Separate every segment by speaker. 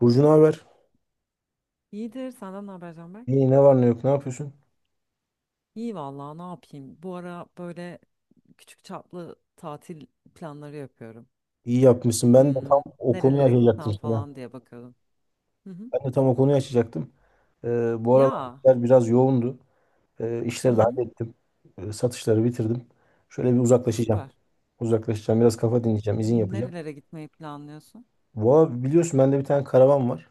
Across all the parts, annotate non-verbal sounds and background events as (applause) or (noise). Speaker 1: Burcu ne haber?
Speaker 2: İyidir. Senden ne haber Canberk?
Speaker 1: İyi ne var ne yok ne yapıyorsun?
Speaker 2: İyi vallahi ne yapayım? Bu ara böyle küçük çaplı tatil planları yapıyorum.
Speaker 1: İyi yapmışsın. Ben de tam
Speaker 2: Hmm,
Speaker 1: o konuyu
Speaker 2: nerelere
Speaker 1: açacaktım
Speaker 2: gitsem
Speaker 1: sana.
Speaker 2: falan diye bakıyorum. Hı hı.
Speaker 1: Ben de tam o konuyu açacaktım. Bu aralar
Speaker 2: Ya.
Speaker 1: işler biraz yoğundu.
Speaker 2: Hı
Speaker 1: İşleri de
Speaker 2: hı.
Speaker 1: hallettim. Satışları bitirdim. Şöyle bir
Speaker 2: Ya
Speaker 1: uzaklaşacağım.
Speaker 2: süper.
Speaker 1: Uzaklaşacağım. Biraz kafa dinleyeceğim. İzin yapacağım.
Speaker 2: Nerelere gitmeyi planlıyorsun?
Speaker 1: Valla biliyorsun bende bir tane karavan var.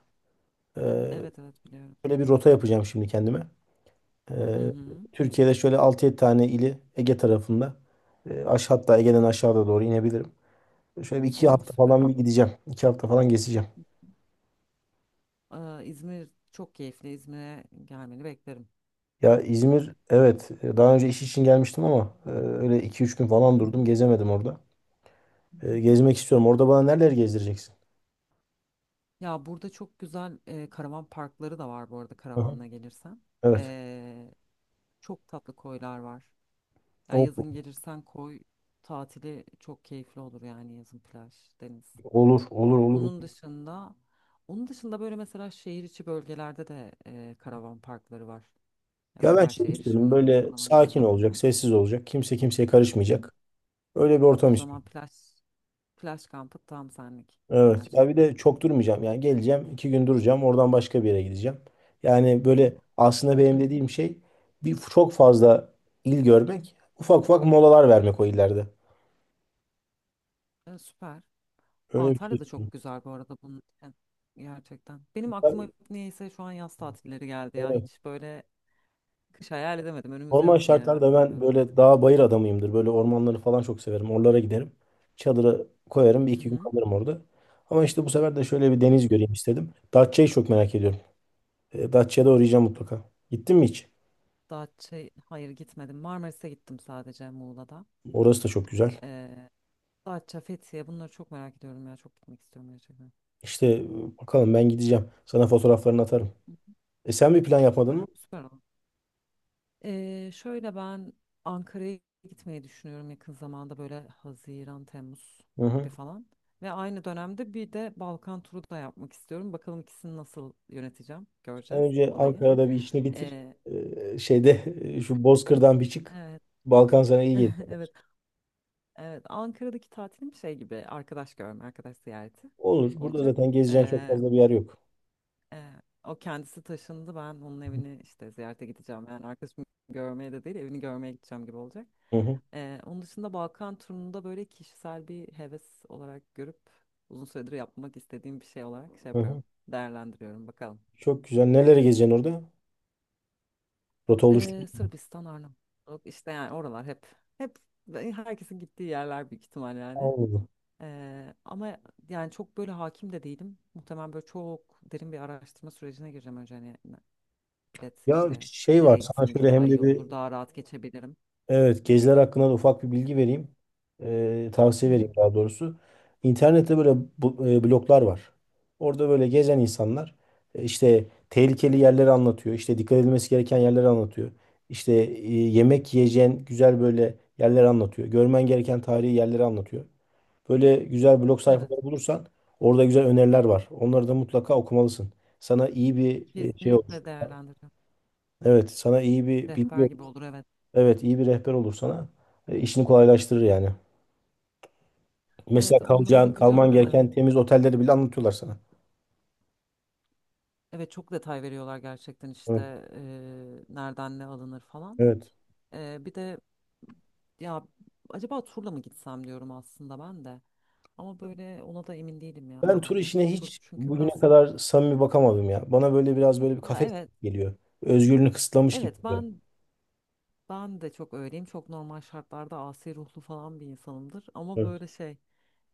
Speaker 1: Ee,
Speaker 2: Evet evet biliyorum.
Speaker 1: şöyle bir rota yapacağım şimdi kendime.
Speaker 2: Hı
Speaker 1: Ee,
Speaker 2: hı.
Speaker 1: Türkiye'de şöyle 6 7 tane ili Ege tarafında. Aşağı hatta Ege'den aşağıda doğru inebilirim. Şöyle bir iki
Speaker 2: O
Speaker 1: hafta falan
Speaker 2: süper.
Speaker 1: bir gideceğim. 2 hafta falan gezeceğim.
Speaker 2: İzmir çok keyifli. İzmir'e gelmeni beklerim.
Speaker 1: Ya İzmir, evet, daha önce iş için gelmiştim ama öyle 2 3 gün
Speaker 2: Hı
Speaker 1: falan
Speaker 2: hı.
Speaker 1: durdum, gezemedim orada. Gezmek istiyorum. Orada bana nereleri gezdireceksin?
Speaker 2: Ya burada çok güzel karavan parkları da var bu arada
Speaker 1: Aha.
Speaker 2: karavanla gelirsen.
Speaker 1: Evet.
Speaker 2: Ee, çok tatlı koylar var. Ya
Speaker 1: O-
Speaker 2: yazın gelirsen koy tatili çok keyifli olur yani yazın plaj, deniz.
Speaker 1: Olur olur olur.
Speaker 2: Onun dışında onun dışında böyle mesela şehir içi bölgelerde de karavan parkları var. Ya
Speaker 1: Ya
Speaker 2: böyle
Speaker 1: ben
Speaker 2: her
Speaker 1: şey
Speaker 2: şey erişimin
Speaker 1: istiyorum,
Speaker 2: olduğu
Speaker 1: böyle
Speaker 2: falan
Speaker 1: sakin
Speaker 2: genelde.
Speaker 1: olacak, sessiz olacak. Kimse kimseye
Speaker 2: Hı hı.
Speaker 1: karışmayacak. Öyle bir
Speaker 2: O
Speaker 1: ortam
Speaker 2: zaman
Speaker 1: istiyorum.
Speaker 2: plaj kampı tam senlik
Speaker 1: Evet. Ya bir
Speaker 2: gerçekten.
Speaker 1: de çok durmayacağım. Yani geleceğim, 2 gün duracağım. Oradan başka bir yere gideceğim. Yani
Speaker 2: Hı
Speaker 1: böyle aslında
Speaker 2: hı.
Speaker 1: benim
Speaker 2: Hı
Speaker 1: dediğim şey bir çok fazla il görmek, ufak ufak molalar vermek o illerde.
Speaker 2: hı. Süper.
Speaker 1: Öyle bir şey
Speaker 2: Antalya da çok güzel bu arada bunun için. Gerçekten. Benim aklıma
Speaker 1: istiyorum.
Speaker 2: hep niyeyse şu an yaz tatilleri geldi ya. Hiç böyle kış hayal edemedim. Önümüz
Speaker 1: Normal
Speaker 2: yaz diye herhalde
Speaker 1: şartlarda ben
Speaker 2: bilmiyorum
Speaker 1: böyle
Speaker 2: artık.
Speaker 1: dağ bayır adamıyımdır. Böyle ormanları falan çok severim. Oralara giderim. Çadırı koyarım. Bir
Speaker 2: Hı
Speaker 1: iki gün
Speaker 2: hı.
Speaker 1: kalırım orada. Ama işte bu sefer de şöyle bir deniz
Speaker 2: Çok iyi.
Speaker 1: göreyim istedim. Datça'yı çok merak ediyorum. Datça'ya da uğrayacağım mutlaka. Gittin mi hiç?
Speaker 2: Datça, hayır gitmedim. Marmaris'e gittim sadece Muğla'da.
Speaker 1: Orası da çok güzel.
Speaker 2: Ee, Datça, Fethiye bunları çok merak ediyorum ya. Çok gitmek istiyorum gerçekten.
Speaker 1: İşte bakalım ben gideceğim. Sana fotoğraflarını atarım. Sen bir plan yapmadın
Speaker 2: Süper,
Speaker 1: mı?
Speaker 2: süper olur. Şöyle ben Ankara'ya gitmeyi düşünüyorum yakın zamanda böyle Haziran, Temmuz
Speaker 1: Hı
Speaker 2: gibi
Speaker 1: hı.
Speaker 2: falan. Ve aynı dönemde bir de Balkan turu da yapmak istiyorum. Bakalım ikisini nasıl yöneteceğim.
Speaker 1: En
Speaker 2: Göreceğiz
Speaker 1: önce
Speaker 2: orayı.
Speaker 1: Ankara'da bir işini bitir.
Speaker 2: Ee,
Speaker 1: Şeyde (laughs) şu Bozkır'dan bir çık.
Speaker 2: evet.
Speaker 1: Balkan sana iyi gelir.
Speaker 2: (laughs) Evet. Evet, Ankara'daki tatilim şey gibi arkadaş görme, arkadaş ziyareti
Speaker 1: Olur. Burada
Speaker 2: olacak.
Speaker 1: zaten gezeceğin çok fazla bir yer yok.
Speaker 2: E, o kendisi taşındı. Ben onun evini işte ziyarete gideceğim. Yani arkadaşımı görmeye de değil, evini görmeye gideceğim gibi olacak.
Speaker 1: Hı hı.
Speaker 2: Onun dışında Balkan turunda böyle kişisel bir heves olarak görüp uzun süredir yapmak istediğim bir şey olarak şey
Speaker 1: Hı
Speaker 2: yapıyorum.
Speaker 1: hı.
Speaker 2: Değerlendiriyorum bakalım.
Speaker 1: Çok güzel. Neler gezeceksin orada? Rota oluşturdun
Speaker 2: Sırbistan, Arnavutluk işte yani oralar hep herkesin gittiği yerler büyük ihtimal
Speaker 1: mu?
Speaker 2: yani.
Speaker 1: Olmadı.
Speaker 2: Ama yani çok böyle hakim de değilim. Muhtemelen böyle çok derin bir araştırma sürecine gireceğim önce hani bilet
Speaker 1: Ya
Speaker 2: işte
Speaker 1: şey var.
Speaker 2: nereye
Speaker 1: Sana
Speaker 2: gitsem ilk
Speaker 1: şöyle
Speaker 2: daha
Speaker 1: hem
Speaker 2: iyi
Speaker 1: de bir,
Speaker 2: olur, daha rahat geçebilirim.
Speaker 1: evet, geziler hakkında da ufak bir bilgi vereyim.
Speaker 2: Hı
Speaker 1: Tavsiye
Speaker 2: hı,
Speaker 1: vereyim daha doğrusu. İnternette böyle bu, bloglar var. Orada böyle gezen insanlar işte tehlikeli yerleri anlatıyor. İşte dikkat edilmesi gereken yerleri anlatıyor. İşte yemek yiyeceğin güzel böyle yerleri anlatıyor. Görmen gereken tarihi yerleri anlatıyor. Böyle güzel blog
Speaker 2: evet,
Speaker 1: sayfaları bulursan orada güzel öneriler var. Onları da mutlaka okumalısın. Sana iyi bir şey olur.
Speaker 2: kesinlikle değerlendireceğim.
Speaker 1: Evet, sana iyi bir bilgi
Speaker 2: Rehber gibi
Speaker 1: olur.
Speaker 2: olur evet.
Speaker 1: Evet, iyi bir rehber olur sana. İşini kolaylaştırır yani. Mesela
Speaker 2: Evet, onlara
Speaker 1: kalacağın, kalman
Speaker 2: bakacağım.
Speaker 1: gereken temiz otelleri bile anlatıyorlar sana.
Speaker 2: Evet çok detay veriyorlar gerçekten işte
Speaker 1: Evet.
Speaker 2: nereden ne alınır falan.
Speaker 1: Evet.
Speaker 2: Bir de ya acaba turla mı gitsem diyorum aslında ben de. Ama böyle ona da emin değilim ya.
Speaker 1: Ben tur işine
Speaker 2: Tur
Speaker 1: hiç
Speaker 2: çünkü
Speaker 1: bugüne
Speaker 2: biraz,
Speaker 1: kadar samimi bakamadım ya. Bana böyle biraz böyle bir
Speaker 2: ya
Speaker 1: kafes
Speaker 2: evet.
Speaker 1: geliyor. Özgürlüğünü kısıtlamış gibi
Speaker 2: Evet
Speaker 1: geliyor.
Speaker 2: ben ben de çok öyleyim. Çok normal şartlarda asi ruhlu falan bir insanımdır. Ama
Speaker 1: Evet.
Speaker 2: böyle şey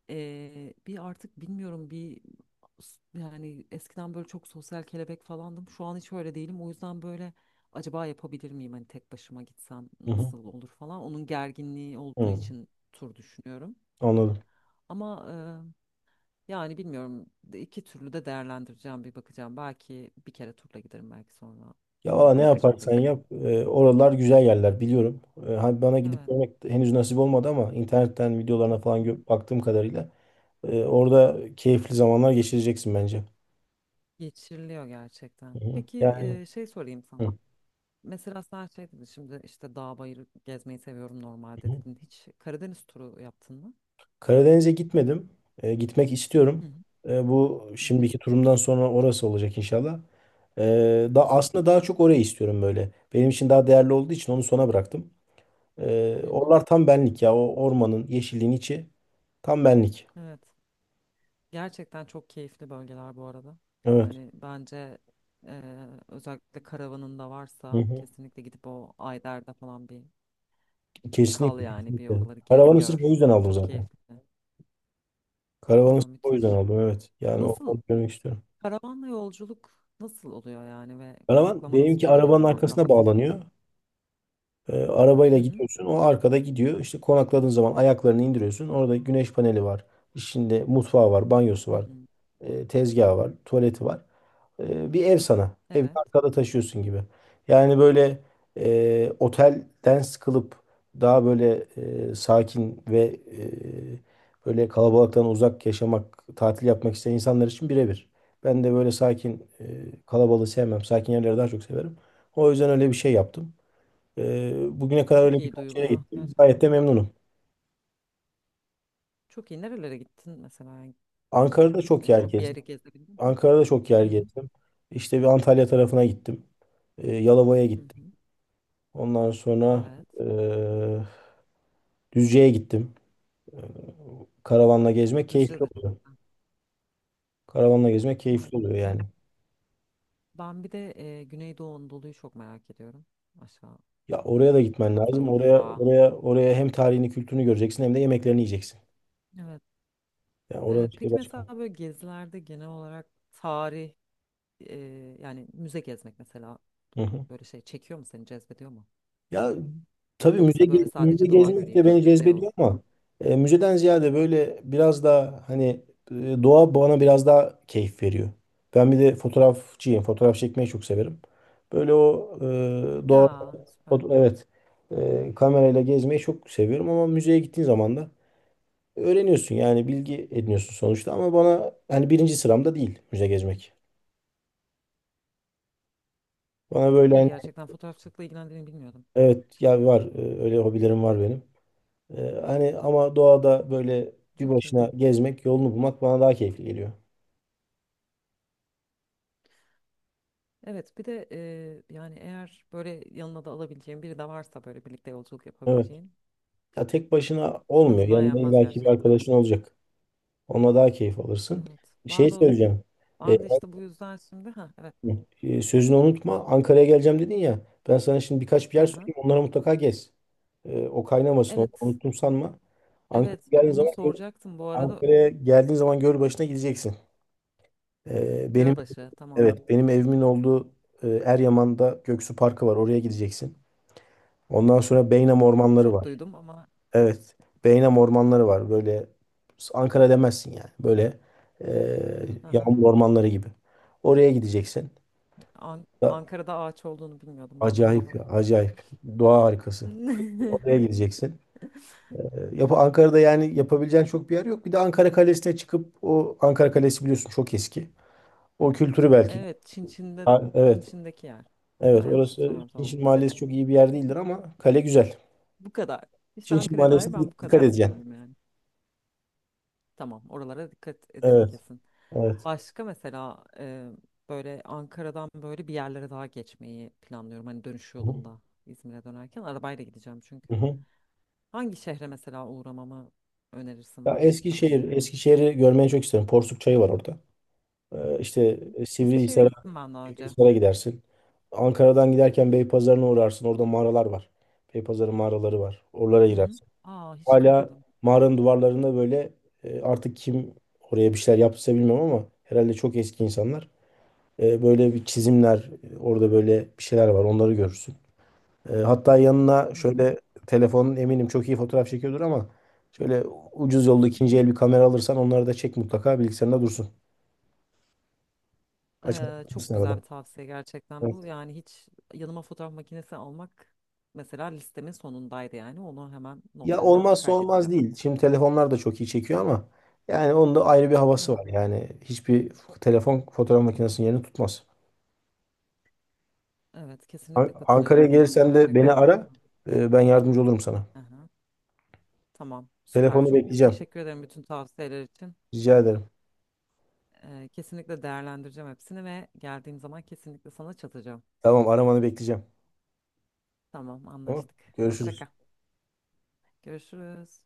Speaker 2: bir artık bilmiyorum bir yani eskiden böyle çok sosyal kelebek falandım. Şu an hiç öyle değilim. O yüzden böyle acaba yapabilir miyim? Hani tek başıma gitsem
Speaker 1: Hı hı.
Speaker 2: nasıl olur falan. Onun gerginliği olduğu
Speaker 1: Hı.
Speaker 2: için tur düşünüyorum.
Speaker 1: Anladım.
Speaker 2: Ama yani bilmiyorum iki türlü de değerlendireceğim bir bakacağım. Belki bir kere turla giderim belki sonra
Speaker 1: Ya
Speaker 2: hani
Speaker 1: valla ne
Speaker 2: tek başıma da
Speaker 1: yaparsan
Speaker 2: giderim.
Speaker 1: yap, oralar güzel yerler, biliyorum. Hani bana gidip
Speaker 2: Evet.
Speaker 1: görmek henüz nasip olmadı ama internetten videolarına falan baktığım kadarıyla orada keyifli zamanlar geçireceksin bence.
Speaker 2: Geçiriliyor
Speaker 1: Hı
Speaker 2: gerçekten.
Speaker 1: hı.
Speaker 2: Peki
Speaker 1: Yani
Speaker 2: şey sorayım sana.
Speaker 1: hı
Speaker 2: Mesela sen şey dedin şimdi işte dağ bayır gezmeyi seviyorum normalde
Speaker 1: hı.
Speaker 2: dedin. Hiç Karadeniz turu yaptın mı?
Speaker 1: Karadeniz'e gitmedim. Gitmek
Speaker 2: Hı
Speaker 1: istiyorum.
Speaker 2: hı,
Speaker 1: Bu
Speaker 2: hı hı,
Speaker 1: şimdiki turumdan sonra orası olacak inşallah. E,
Speaker 2: hı
Speaker 1: da aslında daha çok orayı istiyorum böyle. Benim için daha değerli olduğu için onu sona bıraktım.
Speaker 2: hı, hı.
Speaker 1: Oralar tam benlik ya. O ormanın, yeşilliğin içi tam benlik.
Speaker 2: Evet. Gerçekten çok keyifli bölgeler bu arada.
Speaker 1: Evet.
Speaker 2: Yani bence özellikle karavanın da varsa kesinlikle gidip o Ayder'de falan bir kal
Speaker 1: Kesinlikle,
Speaker 2: yani bir
Speaker 1: kesinlikle.
Speaker 2: oraları gez
Speaker 1: Karavanı sırf o
Speaker 2: gör.
Speaker 1: yüzden aldım
Speaker 2: Çok
Speaker 1: zaten.
Speaker 2: keyifli.
Speaker 1: Karavanı
Speaker 2: Ya
Speaker 1: sırf o yüzden
Speaker 2: müthiş.
Speaker 1: aldım, evet. Yani o
Speaker 2: Nasıl
Speaker 1: onu görmek istiyorum.
Speaker 2: karavanla yolculuk nasıl oluyor yani ve
Speaker 1: Karavan
Speaker 2: konaklama nasıl
Speaker 1: benimki
Speaker 2: oluyor genel
Speaker 1: arabanın
Speaker 2: olarak?
Speaker 1: arkasına
Speaker 2: Rahat mı?
Speaker 1: bağlanıyor. Arabayla
Speaker 2: Hı hı.
Speaker 1: gidiyorsun. O arkada gidiyor. İşte konakladığın zaman ayaklarını indiriyorsun. Orada güneş paneli var. İçinde mutfağı var, banyosu
Speaker 2: Hı
Speaker 1: var,
Speaker 2: hı.
Speaker 1: tezgahı var, tuvaleti var. Bir ev sana. Evi
Speaker 2: Evet.
Speaker 1: arkada taşıyorsun gibi. Yani böyle otelden sıkılıp daha böyle sakin ve böyle kalabalıktan uzak yaşamak, tatil yapmak isteyen insanlar için birebir. Ben de böyle sakin, kalabalığı sevmem. Sakin yerleri daha çok severim. O yüzden öyle bir şey yaptım. Ee, bugüne kadar
Speaker 2: Çok
Speaker 1: öyle
Speaker 2: iyi
Speaker 1: birkaç yere
Speaker 2: duyuluyor
Speaker 1: gittim. Gayet
Speaker 2: gerçekten.
Speaker 1: de memnunum.
Speaker 2: Çok iyi. Nerelere gittin mesela? Yani şey,
Speaker 1: Ankara'da çok yer
Speaker 2: çok bir
Speaker 1: gezdim.
Speaker 2: yere gezebildin mi?
Speaker 1: Ankara'da çok yer
Speaker 2: Hı hı.
Speaker 1: gezdim. İşte bir Antalya tarafına gittim. Yalova'ya
Speaker 2: Hı
Speaker 1: gittim.
Speaker 2: hı.
Speaker 1: Ondan sonra
Speaker 2: Evet.
Speaker 1: eee Düzce'ye gittim. Ee, karavanla gezmek
Speaker 2: Düzce
Speaker 1: keyifli
Speaker 2: de çok
Speaker 1: oluyor.
Speaker 2: güzel.
Speaker 1: Karavanla gezmek
Speaker 2: Evet.
Speaker 1: keyifli oluyor
Speaker 2: E,
Speaker 1: yani.
Speaker 2: ben bir de Güneydoğu Anadolu'yu çok merak ediyorum. Aşağı
Speaker 1: Ya oraya da gitmen
Speaker 2: tarafları
Speaker 1: lazım. Oraya
Speaker 2: Urfa.
Speaker 1: oraya oraya hem tarihini, kültürünü göreceksin hem de yemeklerini yiyeceksin.
Speaker 2: Evet.
Speaker 1: Yani oranın
Speaker 2: Evet.
Speaker 1: şeyi
Speaker 2: Peki
Speaker 1: başka.
Speaker 2: mesela böyle gezilerde genel olarak tarih, e, yani müze gezmek mesela
Speaker 1: Hı hı.
Speaker 2: böyle şey çekiyor mu seni cezbediyor mu?
Speaker 1: Ya tabii müze,
Speaker 2: Yoksa böyle
Speaker 1: müze
Speaker 2: sadece doğa
Speaker 1: gezmek
Speaker 2: göreyim
Speaker 1: de beni
Speaker 2: işte şey
Speaker 1: cezbediyor
Speaker 2: olsun.
Speaker 1: ama müzeden ziyade böyle biraz daha hani e, doğa bana biraz daha keyif veriyor. Ben bir de fotoğrafçıyım. Fotoğraf çekmeyi çok severim. Böyle o doğa
Speaker 2: Ya süper.
Speaker 1: evet, kamerayla gezmeyi çok seviyorum ama müzeye gittiğin zaman da öğreniyorsun, yani bilgi ediniyorsun sonuçta, ama bana hani birinci sıramda değil müze gezmek. Bana böyle
Speaker 2: İyi
Speaker 1: hani,
Speaker 2: gerçekten fotoğrafçılıkla ilgilendiğini bilmiyordum.
Speaker 1: evet, ya var, öyle hobilerim var benim. Hani ama doğada böyle bir
Speaker 2: Çok iyi.
Speaker 1: başına gezmek, yolunu bulmak bana daha keyifli geliyor.
Speaker 2: Evet bir de yani eğer böyle yanına da alabileceğin biri de varsa böyle birlikte yolculuk
Speaker 1: Evet.
Speaker 2: yapabileceğin
Speaker 1: Ya tek başına olmuyor.
Speaker 2: tadından
Speaker 1: Yanında
Speaker 2: yenmez
Speaker 1: illaki bir
Speaker 2: gerçekten.
Speaker 1: arkadaşın olacak. Onunla daha keyif alırsın.
Speaker 2: Evet.
Speaker 1: Şey
Speaker 2: Ben de,
Speaker 1: söyleyeceğim. Ee,
Speaker 2: ben de işte bu yüzden şimdi ha evet.
Speaker 1: yani, sözünü unutma. Ankara'ya geleceğim dedin ya. Ben sana şimdi birkaç bir
Speaker 2: Hı
Speaker 1: yer
Speaker 2: hı.
Speaker 1: söyleyeyim. Onlara mutlaka gez. O kaynamasın. Onu
Speaker 2: Evet.
Speaker 1: unuttum sanma. Ankara'ya
Speaker 2: Evet
Speaker 1: geldiğin
Speaker 2: bunu
Speaker 1: zaman gör,
Speaker 2: soracaktım bu arada.
Speaker 1: Ankara'ya geldiğin zaman göl başına gideceksin. Benim
Speaker 2: Gölbaşı tamam.
Speaker 1: evet benim evimin olduğu Eryaman'da Göksu Parkı var. Oraya gideceksin. Ondan sonra Beynam ormanları
Speaker 2: Çok
Speaker 1: var.
Speaker 2: duydum ama
Speaker 1: Evet. Beynam ormanları var. Böyle Ankara demezsin yani. Böyle e,
Speaker 2: hı hı.
Speaker 1: yağmur ormanları gibi. Oraya gideceksin. Da-
Speaker 2: Ankara'da ağaç olduğunu bilmiyordum ben bu
Speaker 1: Acayip
Speaker 2: arada.
Speaker 1: ya. Acayip. Doğa harikası. Oraya
Speaker 2: (laughs)
Speaker 1: gideceksin. E, Yap Ankara'da yani yapabileceğin çok bir yer yok. Bir de Ankara Kalesi'ne çıkıp, o Ankara Kalesi biliyorsun çok eski. O kültürü belki.
Speaker 2: Evet, Çin Çin'de
Speaker 1: Ha,
Speaker 2: Çin
Speaker 1: evet.
Speaker 2: Çin'deki yer. Ama
Speaker 1: Evet.
Speaker 2: yanlış
Speaker 1: Orası
Speaker 2: hatırlamıyorum tamam.
Speaker 1: Çinçin
Speaker 2: Evet,
Speaker 1: Mahallesi, çok iyi bir yer değildir ama kale güzel.
Speaker 2: bu kadar. İşte
Speaker 1: Çinçin
Speaker 2: Ankara'ya
Speaker 1: Mahallesi'ne
Speaker 2: dair ben bu
Speaker 1: dikkat
Speaker 2: kadar
Speaker 1: edeceksin.
Speaker 2: biliyorum yani. Tamam, oralara dikkat ederim
Speaker 1: Evet.
Speaker 2: kesin.
Speaker 1: Evet.
Speaker 2: Başka mesela böyle Ankara'dan böyle bir yerlere daha geçmeyi planlıyorum. Hani dönüş
Speaker 1: Hı hı.
Speaker 2: yolunda İzmir'e dönerken arabayla gideceğim
Speaker 1: Hı
Speaker 2: çünkü.
Speaker 1: hı.
Speaker 2: Hangi şehre mesela uğramamı önerirsin
Speaker 1: Ya
Speaker 2: var mı bir tavsiye?
Speaker 1: Eskişehir, Eskişehir'i görmeyi çok isterim. Porsuk Çayı var orada.
Speaker 2: Hı
Speaker 1: İşte
Speaker 2: hı. Eskişehir'e
Speaker 1: Sivrihisar'a,
Speaker 2: gittim ben daha önce.
Speaker 1: Sivrihisar'a gidersin. Ankara'dan giderken Beypazarı'na uğrarsın. Orada mağaralar var. Beypazarı mağaraları var. Oralara
Speaker 2: Hı hı.
Speaker 1: girersin.
Speaker 2: Aa hiç
Speaker 1: Hala
Speaker 2: duymadım.
Speaker 1: mağaranın duvarlarında böyle artık kim oraya bir şeyler yaptıysa bilmiyorum ama herhalde çok eski insanlar. Böyle bir çizimler, orada böyle bir şeyler var. Onları görürsün. Hatta yanına
Speaker 2: Hı hı.
Speaker 1: şöyle telefonun eminim çok iyi fotoğraf çekiyordur ama şöyle ucuz
Speaker 2: Hı
Speaker 1: yolda
Speaker 2: hı.
Speaker 1: ikinci el bir kamera alırsan onları da çek, mutlaka bilgisayarında dursun.
Speaker 2: Çok
Speaker 1: Açabilirsin
Speaker 2: güzel
Speaker 1: arada.
Speaker 2: bir tavsiye gerçekten
Speaker 1: Evet.
Speaker 2: bu. Yani hiç yanıma fotoğraf makinesi almak mesela listemin sonundaydı yani. Onu hemen
Speaker 1: Ya
Speaker 2: notlarıma
Speaker 1: olmazsa olmaz
Speaker 2: kaydedeceğim.
Speaker 1: değil. Şimdi telefonlar da çok iyi çekiyor ama yani onun da ayrı bir havası
Speaker 2: Evet,
Speaker 1: var. Yani hiçbir telefon fotoğraf makinesinin yerini tutmaz.
Speaker 2: evet kesinlikle
Speaker 1: Ankara'ya
Speaker 2: katılıyorum buna.
Speaker 1: gelirsen de beni
Speaker 2: Gerçekten
Speaker 1: ara.
Speaker 2: tuttum.
Speaker 1: Ben yardımcı olurum sana.
Speaker 2: Aha, tamam, süper.
Speaker 1: Telefonu
Speaker 2: Çok
Speaker 1: bekleyeceğim.
Speaker 2: teşekkür ederim bütün tavsiyeler için.
Speaker 1: Rica ederim.
Speaker 2: Kesinlikle değerlendireceğim hepsini ve geldiğim zaman kesinlikle sana çatacağım.
Speaker 1: Tamam, aramanı bekleyeceğim.
Speaker 2: Tamam,
Speaker 1: Tamam.
Speaker 2: anlaştık. Hoşça
Speaker 1: Görüşürüz.
Speaker 2: kal. Görüşürüz.